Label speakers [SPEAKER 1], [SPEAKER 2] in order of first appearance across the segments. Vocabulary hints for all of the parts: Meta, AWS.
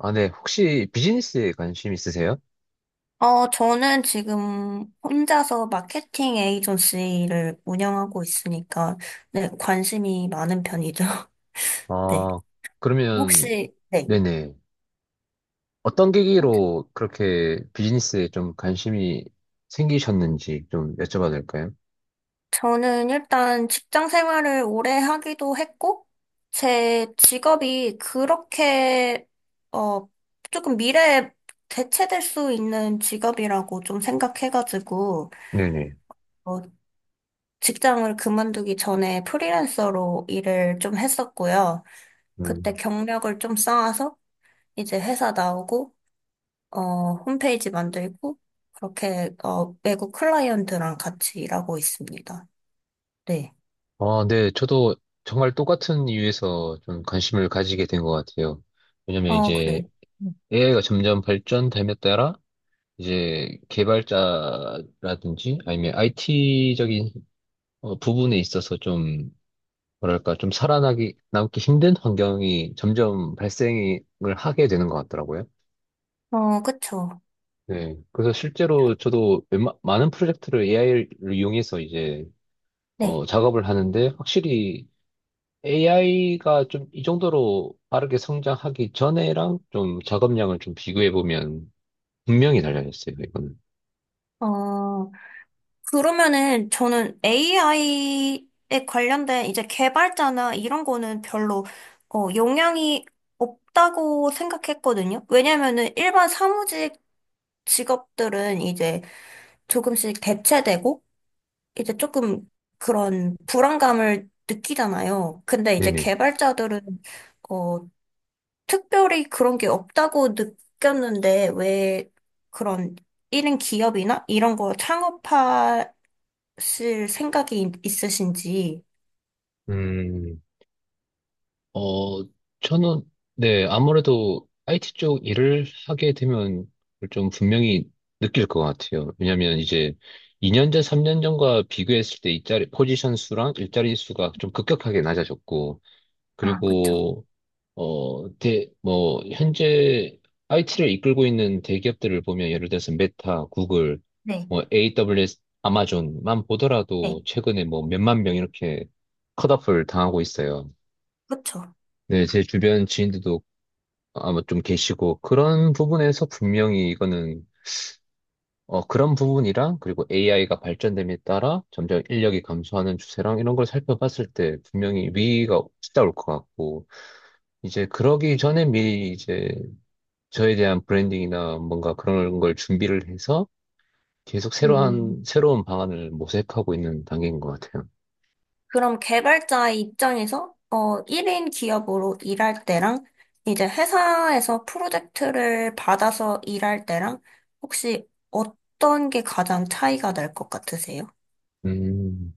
[SPEAKER 1] 아, 네. 혹시 비즈니스에 관심 있으세요?
[SPEAKER 2] 저는 지금 혼자서 마케팅 에이전시를 운영하고 있으니까, 네, 관심이 많은 편이죠. 네.
[SPEAKER 1] 아, 그러면,
[SPEAKER 2] 혹시, 네.
[SPEAKER 1] 네네. 어떤 계기로 그렇게 비즈니스에 좀 관심이 생기셨는지 좀 여쭤봐도 될까요?
[SPEAKER 2] 저는 일단 직장 생활을 오래 하기도 했고, 제 직업이 그렇게, 어, 조금 미래에 대체될 수 있는 직업이라고 좀 생각해가지고,
[SPEAKER 1] 네네.
[SPEAKER 2] 어, 직장을 그만두기 전에 프리랜서로 일을 좀 했었고요. 그때
[SPEAKER 1] 음.
[SPEAKER 2] 경력을 좀 쌓아서 이제 회사 나오고, 어, 홈페이지 만들고, 그렇게, 외국 클라이언트랑 같이 일하고 있습니다. 네.
[SPEAKER 1] 아, 네. 저도 정말 똑같은 이유에서 좀 관심을 가지게 된 것 같아요. 왜냐면
[SPEAKER 2] 어, 그래.
[SPEAKER 1] 이제
[SPEAKER 2] 음.
[SPEAKER 1] AI가 점점 발전됨에 따라 이제 개발자라든지 아니면 IT적인 부분에 있어서 좀 뭐랄까, 좀 남기 힘든 환경이 점점 발생을 하게 되는 것 같더라고요.
[SPEAKER 2] 어, 그쵸.
[SPEAKER 1] 네. 그래서 실제로 저도 많은 프로젝트를 AI를 이용해서 이제,
[SPEAKER 2] 네.
[SPEAKER 1] 작업을 하는데, 확실히 AI가 좀 이 정도로 빠르게 성장하기 전에랑 좀 작업량을 좀 비교해 보면 분명히 달라졌어요, 이거는.
[SPEAKER 2] 어, 그러면은 저는 AI에 관련된 이제 개발자나 이런 거는 별로, 영향이 없다고 생각했거든요. 왜냐면은 일반 사무직 직업들은 이제 조금씩 대체되고, 이제 조금 그런 불안감을 느끼잖아요. 근데 이제
[SPEAKER 1] 네네.
[SPEAKER 2] 개발자들은 어, 특별히 그런 게 없다고 느꼈는데 왜 그런 이인 기업이나 이런 거 창업하실 있으신지.
[SPEAKER 1] 음, 어, 저는, 네, 아무래도 IT 쪽 일을 하게 되면 그걸 좀 분명히 느낄 것 같아요. 왜냐면 이제 2년 전, 3년 전과 비교했을 때 일자리, 포지션 수랑 일자리 수가 좀 급격하게 낮아졌고,
[SPEAKER 2] 아, 그쵸.
[SPEAKER 1] 그리고, 뭐, 현재 IT를 이끌고 있는 대기업들을 보면 예를 들어서 메타, 구글,
[SPEAKER 2] 네.
[SPEAKER 1] 뭐, AWS, 아마존만
[SPEAKER 2] 네,
[SPEAKER 1] 보더라도 최근에 뭐 몇만 명 이렇게 컷오프를 당하고 있어요.
[SPEAKER 2] 그쵸.
[SPEAKER 1] 네, 제 주변 지인들도 아마 좀 계시고, 그런 부분에서 분명히 이거는, 그런 부분이랑, 그리고 AI가 발전됨에 따라 점점 인력이 감소하는 추세랑 이런 걸 살펴봤을 때 분명히 위기가 찾아올 것 같고, 이제 그러기 전에 미리 이제 저에 대한 브랜딩이나 뭔가 그런 걸 준비를 해서 계속 새로운,
[SPEAKER 2] 음.
[SPEAKER 1] 새로운 방안을 모색하고 있는 단계인 것 같아요.
[SPEAKER 2] 그럼 개발자 입장에서 1인 기업으로 일할 때랑 이제 회사에서 프로젝트를 받아서 일할 때랑 혹시 어떤 게 가장 차이가 날 것 같으세요?
[SPEAKER 1] 음.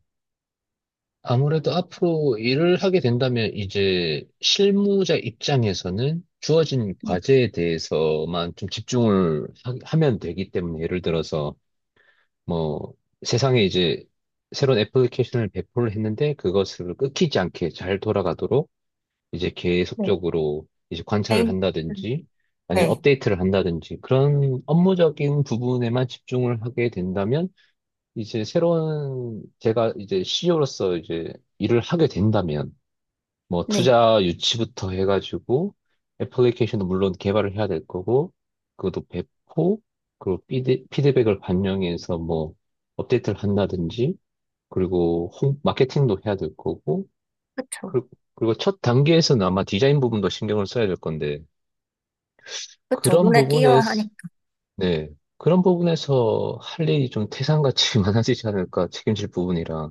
[SPEAKER 1] 아무래도 앞으로 일을 하게 된다면 이제 실무자 입장에서는 주어진
[SPEAKER 2] 네,
[SPEAKER 1] 과제에 대해서만 좀 집중을 면 되기 때문에 예를 들어서 뭐 세상에 이제 새로운 애플리케이션을 배포를 했는데 그것을 끊기지 않게 잘 돌아가도록 이제
[SPEAKER 2] 네.
[SPEAKER 1] 계속적으로 이제 관찰을
[SPEAKER 2] 메인 음,
[SPEAKER 1] 한다든지 아니면
[SPEAKER 2] 네,
[SPEAKER 1] 업데이트를 한다든지 그런 업무적인 부분에만 집중을 하게 된다면 이제 새로운 제가 이제 CEO로서 이제 일을 하게 된다면 뭐
[SPEAKER 2] 네,
[SPEAKER 1] 투자 유치부터 해가지고 애플리케이션도 물론 개발을 해야 될 거고 그것도 배포 그리고 피드백을 반영해서 뭐 업데이트를 한다든지 그리고 마케팅도 해야 될 거고
[SPEAKER 2] 그쵸,
[SPEAKER 1] 그리고, 그리고 첫 단계에서는 아마 디자인 부분도 신경을 써야 될 건데
[SPEAKER 2] 그쵸.
[SPEAKER 1] 그런
[SPEAKER 2] 눈에 띄어야
[SPEAKER 1] 부분에서,
[SPEAKER 2] 하니까.
[SPEAKER 1] 네, 그런 부분에서 할 일이 좀 태산같이 많아지지 않을까 책임질 부분이라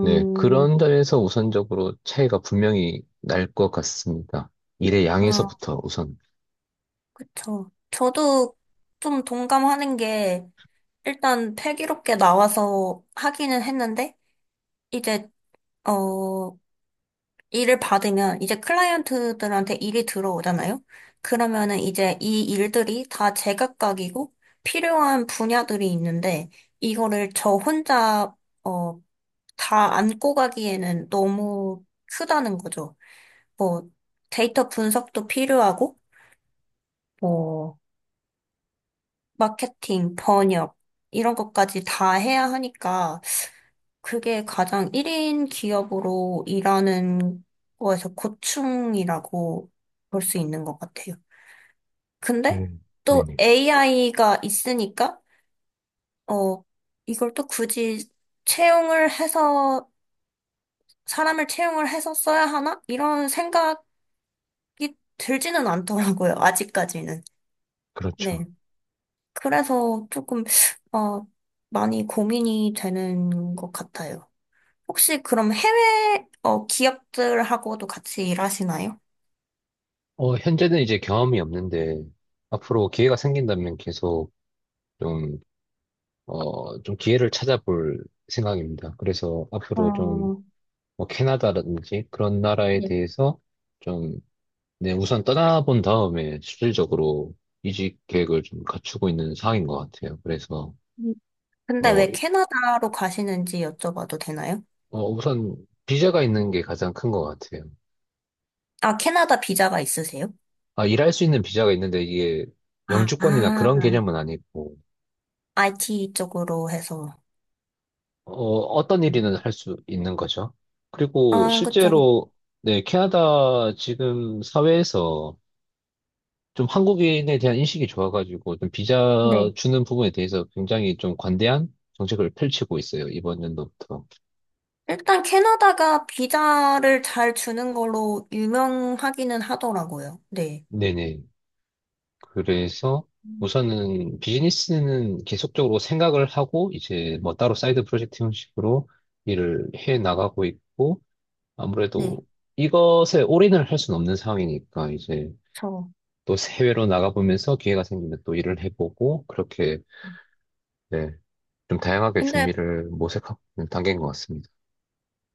[SPEAKER 1] 네, 그런 점에서 우선적으로 차이가 분명히 날 것 같습니다. 일의
[SPEAKER 2] 아,
[SPEAKER 1] 양에서부터 우선.
[SPEAKER 2] 그쵸. 저도 좀 동감하는 게 일단 패기롭게 나와서 하기는 했는데 이제 어 일을 받으면 이제 클라이언트들한테 일이 들어오잖아요. 그러면은 이제 이 일들이 다 제각각이고 필요한 분야들이 있는데 이거를 저 혼자 어, 다 안고 가기에는 너무 크다는 거죠. 뭐 데이터 분석도 필요하고 뭐 마케팅, 번역, 이런 것까지 다 해야 하니까 그게 가장 1인 기업으로 일하는 거에서 고충이라고 볼 수 있는 것 같아요. 근데
[SPEAKER 1] 네,
[SPEAKER 2] 또
[SPEAKER 1] 네네.
[SPEAKER 2] AI가 있으니까, 어, 이걸 또 굳이 채용을 해서, 사람을 채용을 해서 써야 하나? 이런 생각이 들지는 않더라고요, 아직까지는.
[SPEAKER 1] 그렇죠.
[SPEAKER 2] 네. 그래서 조금, 어, 많이 고민이 되는 것 같아요. 혹시 그럼 해외, 기업들하고도 같이 일하시나요?
[SPEAKER 1] 현재는 이제 경험이 없는데, 앞으로 기회가 생긴다면 계속 좀, 좀 기회를 찾아볼 생각입니다. 그래서 앞으로 좀,
[SPEAKER 2] 어,
[SPEAKER 1] 뭐, 캐나다라든지 그런 나라에
[SPEAKER 2] 네.
[SPEAKER 1] 대해서 좀, 네, 우선 떠나본 다음에 실질적으로 이직 계획을 좀 갖추고 있는 상황인 것 같아요. 그래서,
[SPEAKER 2] 음, 근데
[SPEAKER 1] 어,
[SPEAKER 2] 왜 캐나다로 가시는지 여쭤봐도 되나요?
[SPEAKER 1] 우선 비자가 있는 게 가장 큰 것 같아요.
[SPEAKER 2] 아, 캐나다 비자가 있으세요?
[SPEAKER 1] 아, 일할 수 있는 비자가 있는데 이게
[SPEAKER 2] 아,
[SPEAKER 1] 영주권이나 그런
[SPEAKER 2] 아,
[SPEAKER 1] 개념은 아니고,
[SPEAKER 2] IT 쪽으로 해서.
[SPEAKER 1] 어떤
[SPEAKER 2] 네.
[SPEAKER 1] 일이든 할 수 있는 거죠. 그리고
[SPEAKER 2] 아, 그쵸, 그쵸.
[SPEAKER 1] 실제로, 네, 캐나다 지금 사회에서 좀 한국인에 대한 인식이 좋아가지고 좀 비자
[SPEAKER 2] 네.
[SPEAKER 1] 주는 부분에 대해서 굉장히 좀 관대한 정책을 펼치고 있어요, 이번 연도부터.
[SPEAKER 2] 일단 캐나다가 비자를 잘 주는 걸로 유명하기는 하더라고요. 네.
[SPEAKER 1] 네네. 그래서
[SPEAKER 2] 음,
[SPEAKER 1] 우선은 비즈니스는 계속적으로 생각을 하고 이제 뭐 따로 사이드 프로젝트 형식으로 일을 해 나가고 있고
[SPEAKER 2] 네.
[SPEAKER 1] 아무래도 이것에 올인을 할 수는 없는 상황이니까 이제
[SPEAKER 2] 저.
[SPEAKER 1] 또 해외로 나가보면서 기회가 생기면 또 일을 해보고 그렇게
[SPEAKER 2] 음.
[SPEAKER 1] 네, 좀 다양하게
[SPEAKER 2] 근데
[SPEAKER 1] 준비를 모색하고 있는 단계인 것 같습니다.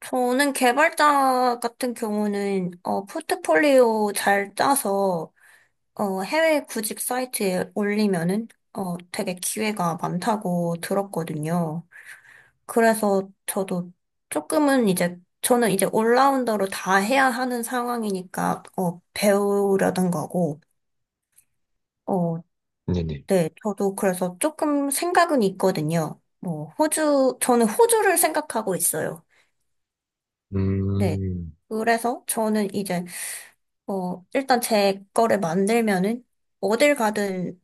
[SPEAKER 2] 저는 개발자 같은 경우는 어, 포트폴리오 잘 짜서 해외 구직 사이트에 올리면은 되게 기회가 많다고 들었거든요. 그래서 저도 조금은 이제 저는 이제 올라운더로 다 해야 하는 상황이니까 어, 배우려던 거고 어,
[SPEAKER 1] 네네.
[SPEAKER 2] 네, 저도 그래서 조금 생각은 있거든요. 뭐 호주 저는 호주를 생각하고 있어요. 네.
[SPEAKER 1] 음,
[SPEAKER 2] 그래서 저는 이제 일단 제 거를 만들면은 어딜 가든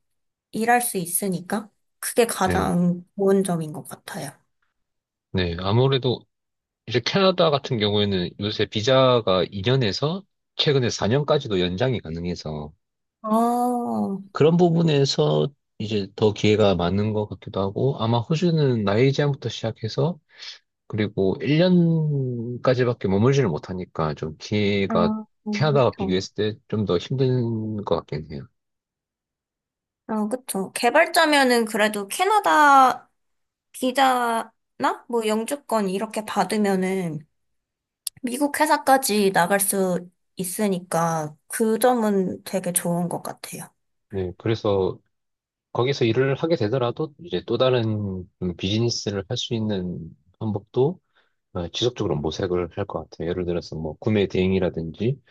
[SPEAKER 2] 일할 수 있으니까 그게
[SPEAKER 1] 네.
[SPEAKER 2] 가장 좋은 점인 것 같아요.
[SPEAKER 1] 네. 아무래도 이제 캐나다 같은 경우에는 요새 비자가 2년에서 최근에 4년까지도 연장이 가능해서
[SPEAKER 2] 아,
[SPEAKER 1] 그런 부분에서 이제 더 기회가 많은 것 같기도 하고 아마 호주는 나이 제한부터 시작해서 그리고 1년까지밖에 머물지를 못하니까 좀 기회가
[SPEAKER 2] 아,
[SPEAKER 1] 캐나다와
[SPEAKER 2] 그쵸.
[SPEAKER 1] 비교했을 때 좀 더 힘든 것 같긴 해요.
[SPEAKER 2] 아, 그쵸. 개발자면은 그래도 캐나다 비자나 뭐 영주권 이렇게 받으면은 미국 회사까지 나갈 수 있으니까 그 점은 되게 좋은 것 같아요.
[SPEAKER 1] 네, 그래서 거기서 일을 하게 되더라도 이제 또 다른 좀 비즈니스를 할 수 있는 방법도 아, 지속적으로 모색을 할 것 같아요. 예를 들어서 뭐 구매 대행이라든지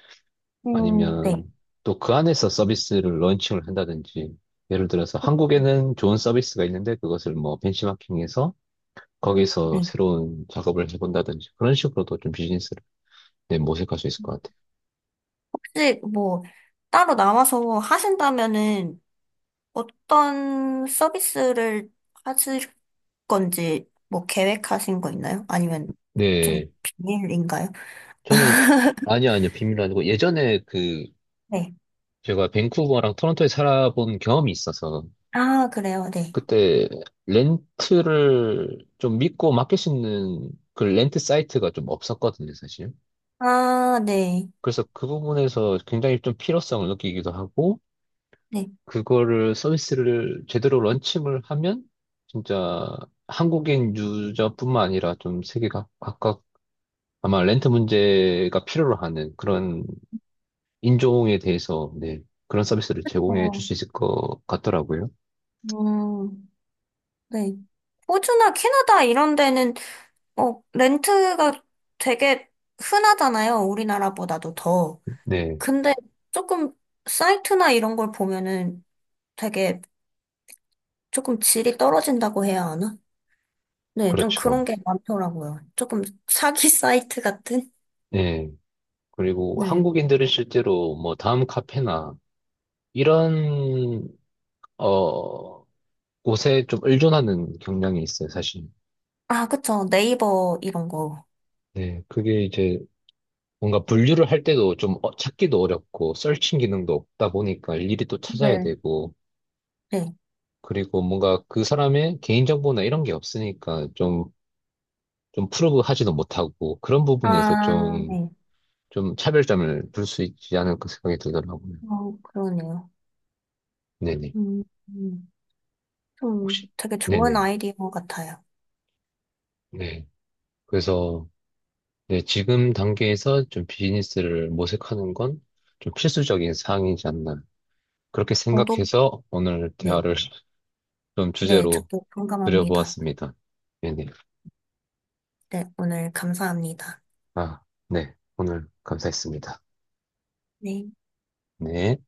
[SPEAKER 2] 네.
[SPEAKER 1] 아니면 또 그 안에서 서비스를 런칭을 한다든지 예를 들어서 한국에는 좋은 서비스가 있는데 그것을 뭐 벤치마킹해서 거기서
[SPEAKER 2] 네.
[SPEAKER 1] 새로운 작업을 해본다든지 그런 식으로도 좀 비즈니스를 네, 모색할 수 있을 것 같아요.
[SPEAKER 2] 혹시 뭐 따로 나와서 하신다면은 어떤 서비스를 하실 건지 뭐 계획하신 거 있나요? 아니면 좀
[SPEAKER 1] 네,
[SPEAKER 2] 비밀인가요?
[SPEAKER 1] 저는 아니요 아니요 비밀 아니고 예전에 그
[SPEAKER 2] 네.
[SPEAKER 1] 제가 밴쿠버랑 토론토에 살아본 경험이 있어서
[SPEAKER 2] 아, 그래요. 네.
[SPEAKER 1] 그때 렌트를 좀 믿고 맡길 수 있는 그 렌트 사이트가 좀 없었거든요, 사실.
[SPEAKER 2] 아, 네.
[SPEAKER 1] 그래서 그 부분에서 굉장히 좀 필요성을 느끼기도 하고,
[SPEAKER 2] 네.
[SPEAKER 1] 그거를 서비스를 제대로 런칭을 하면, 진짜 한국인 유저뿐만 아니라 좀 세계 각각 아마 렌트 문제가 필요로 하는 그런 인종에 대해서, 네, 그런 서비스를 제공해 줄
[SPEAKER 2] 어,
[SPEAKER 1] 수 있을 것 같더라고요.
[SPEAKER 2] 음, 네. 호주나 캐나다 이런 데는 렌트가 되게 흔하잖아요. 우리나라보다도 더.
[SPEAKER 1] 네,
[SPEAKER 2] 근데 조금 사이트나 이런 걸 보면은 되게 조금 질이 떨어진다고 해야 하나? 네, 좀
[SPEAKER 1] 그렇죠.
[SPEAKER 2] 그런 게 많더라고요. 조금 사기 사이트 같은?
[SPEAKER 1] 네. 그리고
[SPEAKER 2] 네.
[SPEAKER 1] 한국인들은 실제로 뭐 다음 카페나 이런 어 곳에 좀 의존하는 경향이 있어요, 사실.
[SPEAKER 2] 아, 그쵸. 네이버 이런 거.
[SPEAKER 1] 네, 그게 이제 뭔가 분류를 할 때도 좀 찾기도 어렵고 서칭 기능도 없다 보니까 일일이 또 찾아야
[SPEAKER 2] 네,
[SPEAKER 1] 되고
[SPEAKER 2] 네.
[SPEAKER 1] 그리고 뭔가 그 사람의 개인정보나 이런 게 없으니까 좀 좀 프로브하지도 못하고 그런 부분에서
[SPEAKER 2] 아,
[SPEAKER 1] 좀
[SPEAKER 2] 네.
[SPEAKER 1] 좀 차별점을 둘 수 있지 않을까 생각이 들더라고요.
[SPEAKER 2] 어, 그러네요.
[SPEAKER 1] 네네.
[SPEAKER 2] 음, 음.
[SPEAKER 1] 혹시,
[SPEAKER 2] 좀 되게 좋은
[SPEAKER 1] 네네.
[SPEAKER 2] 아이디어 같아요.
[SPEAKER 1] 네. 그래서 네, 지금 단계에서 좀 비즈니스를 모색하는 건 좀 필수적인 사항이지 않나. 그렇게
[SPEAKER 2] 저도,
[SPEAKER 1] 생각해서 오늘
[SPEAKER 2] 네.
[SPEAKER 1] 대화를 좀
[SPEAKER 2] 네,
[SPEAKER 1] 주제로
[SPEAKER 2] 저도 공감합니다.
[SPEAKER 1] 드려보았습니다. 네네.
[SPEAKER 2] 네, 오늘 감사합니다.
[SPEAKER 1] 아, 네. 오늘 감사했습니다.
[SPEAKER 2] 네.
[SPEAKER 1] 네.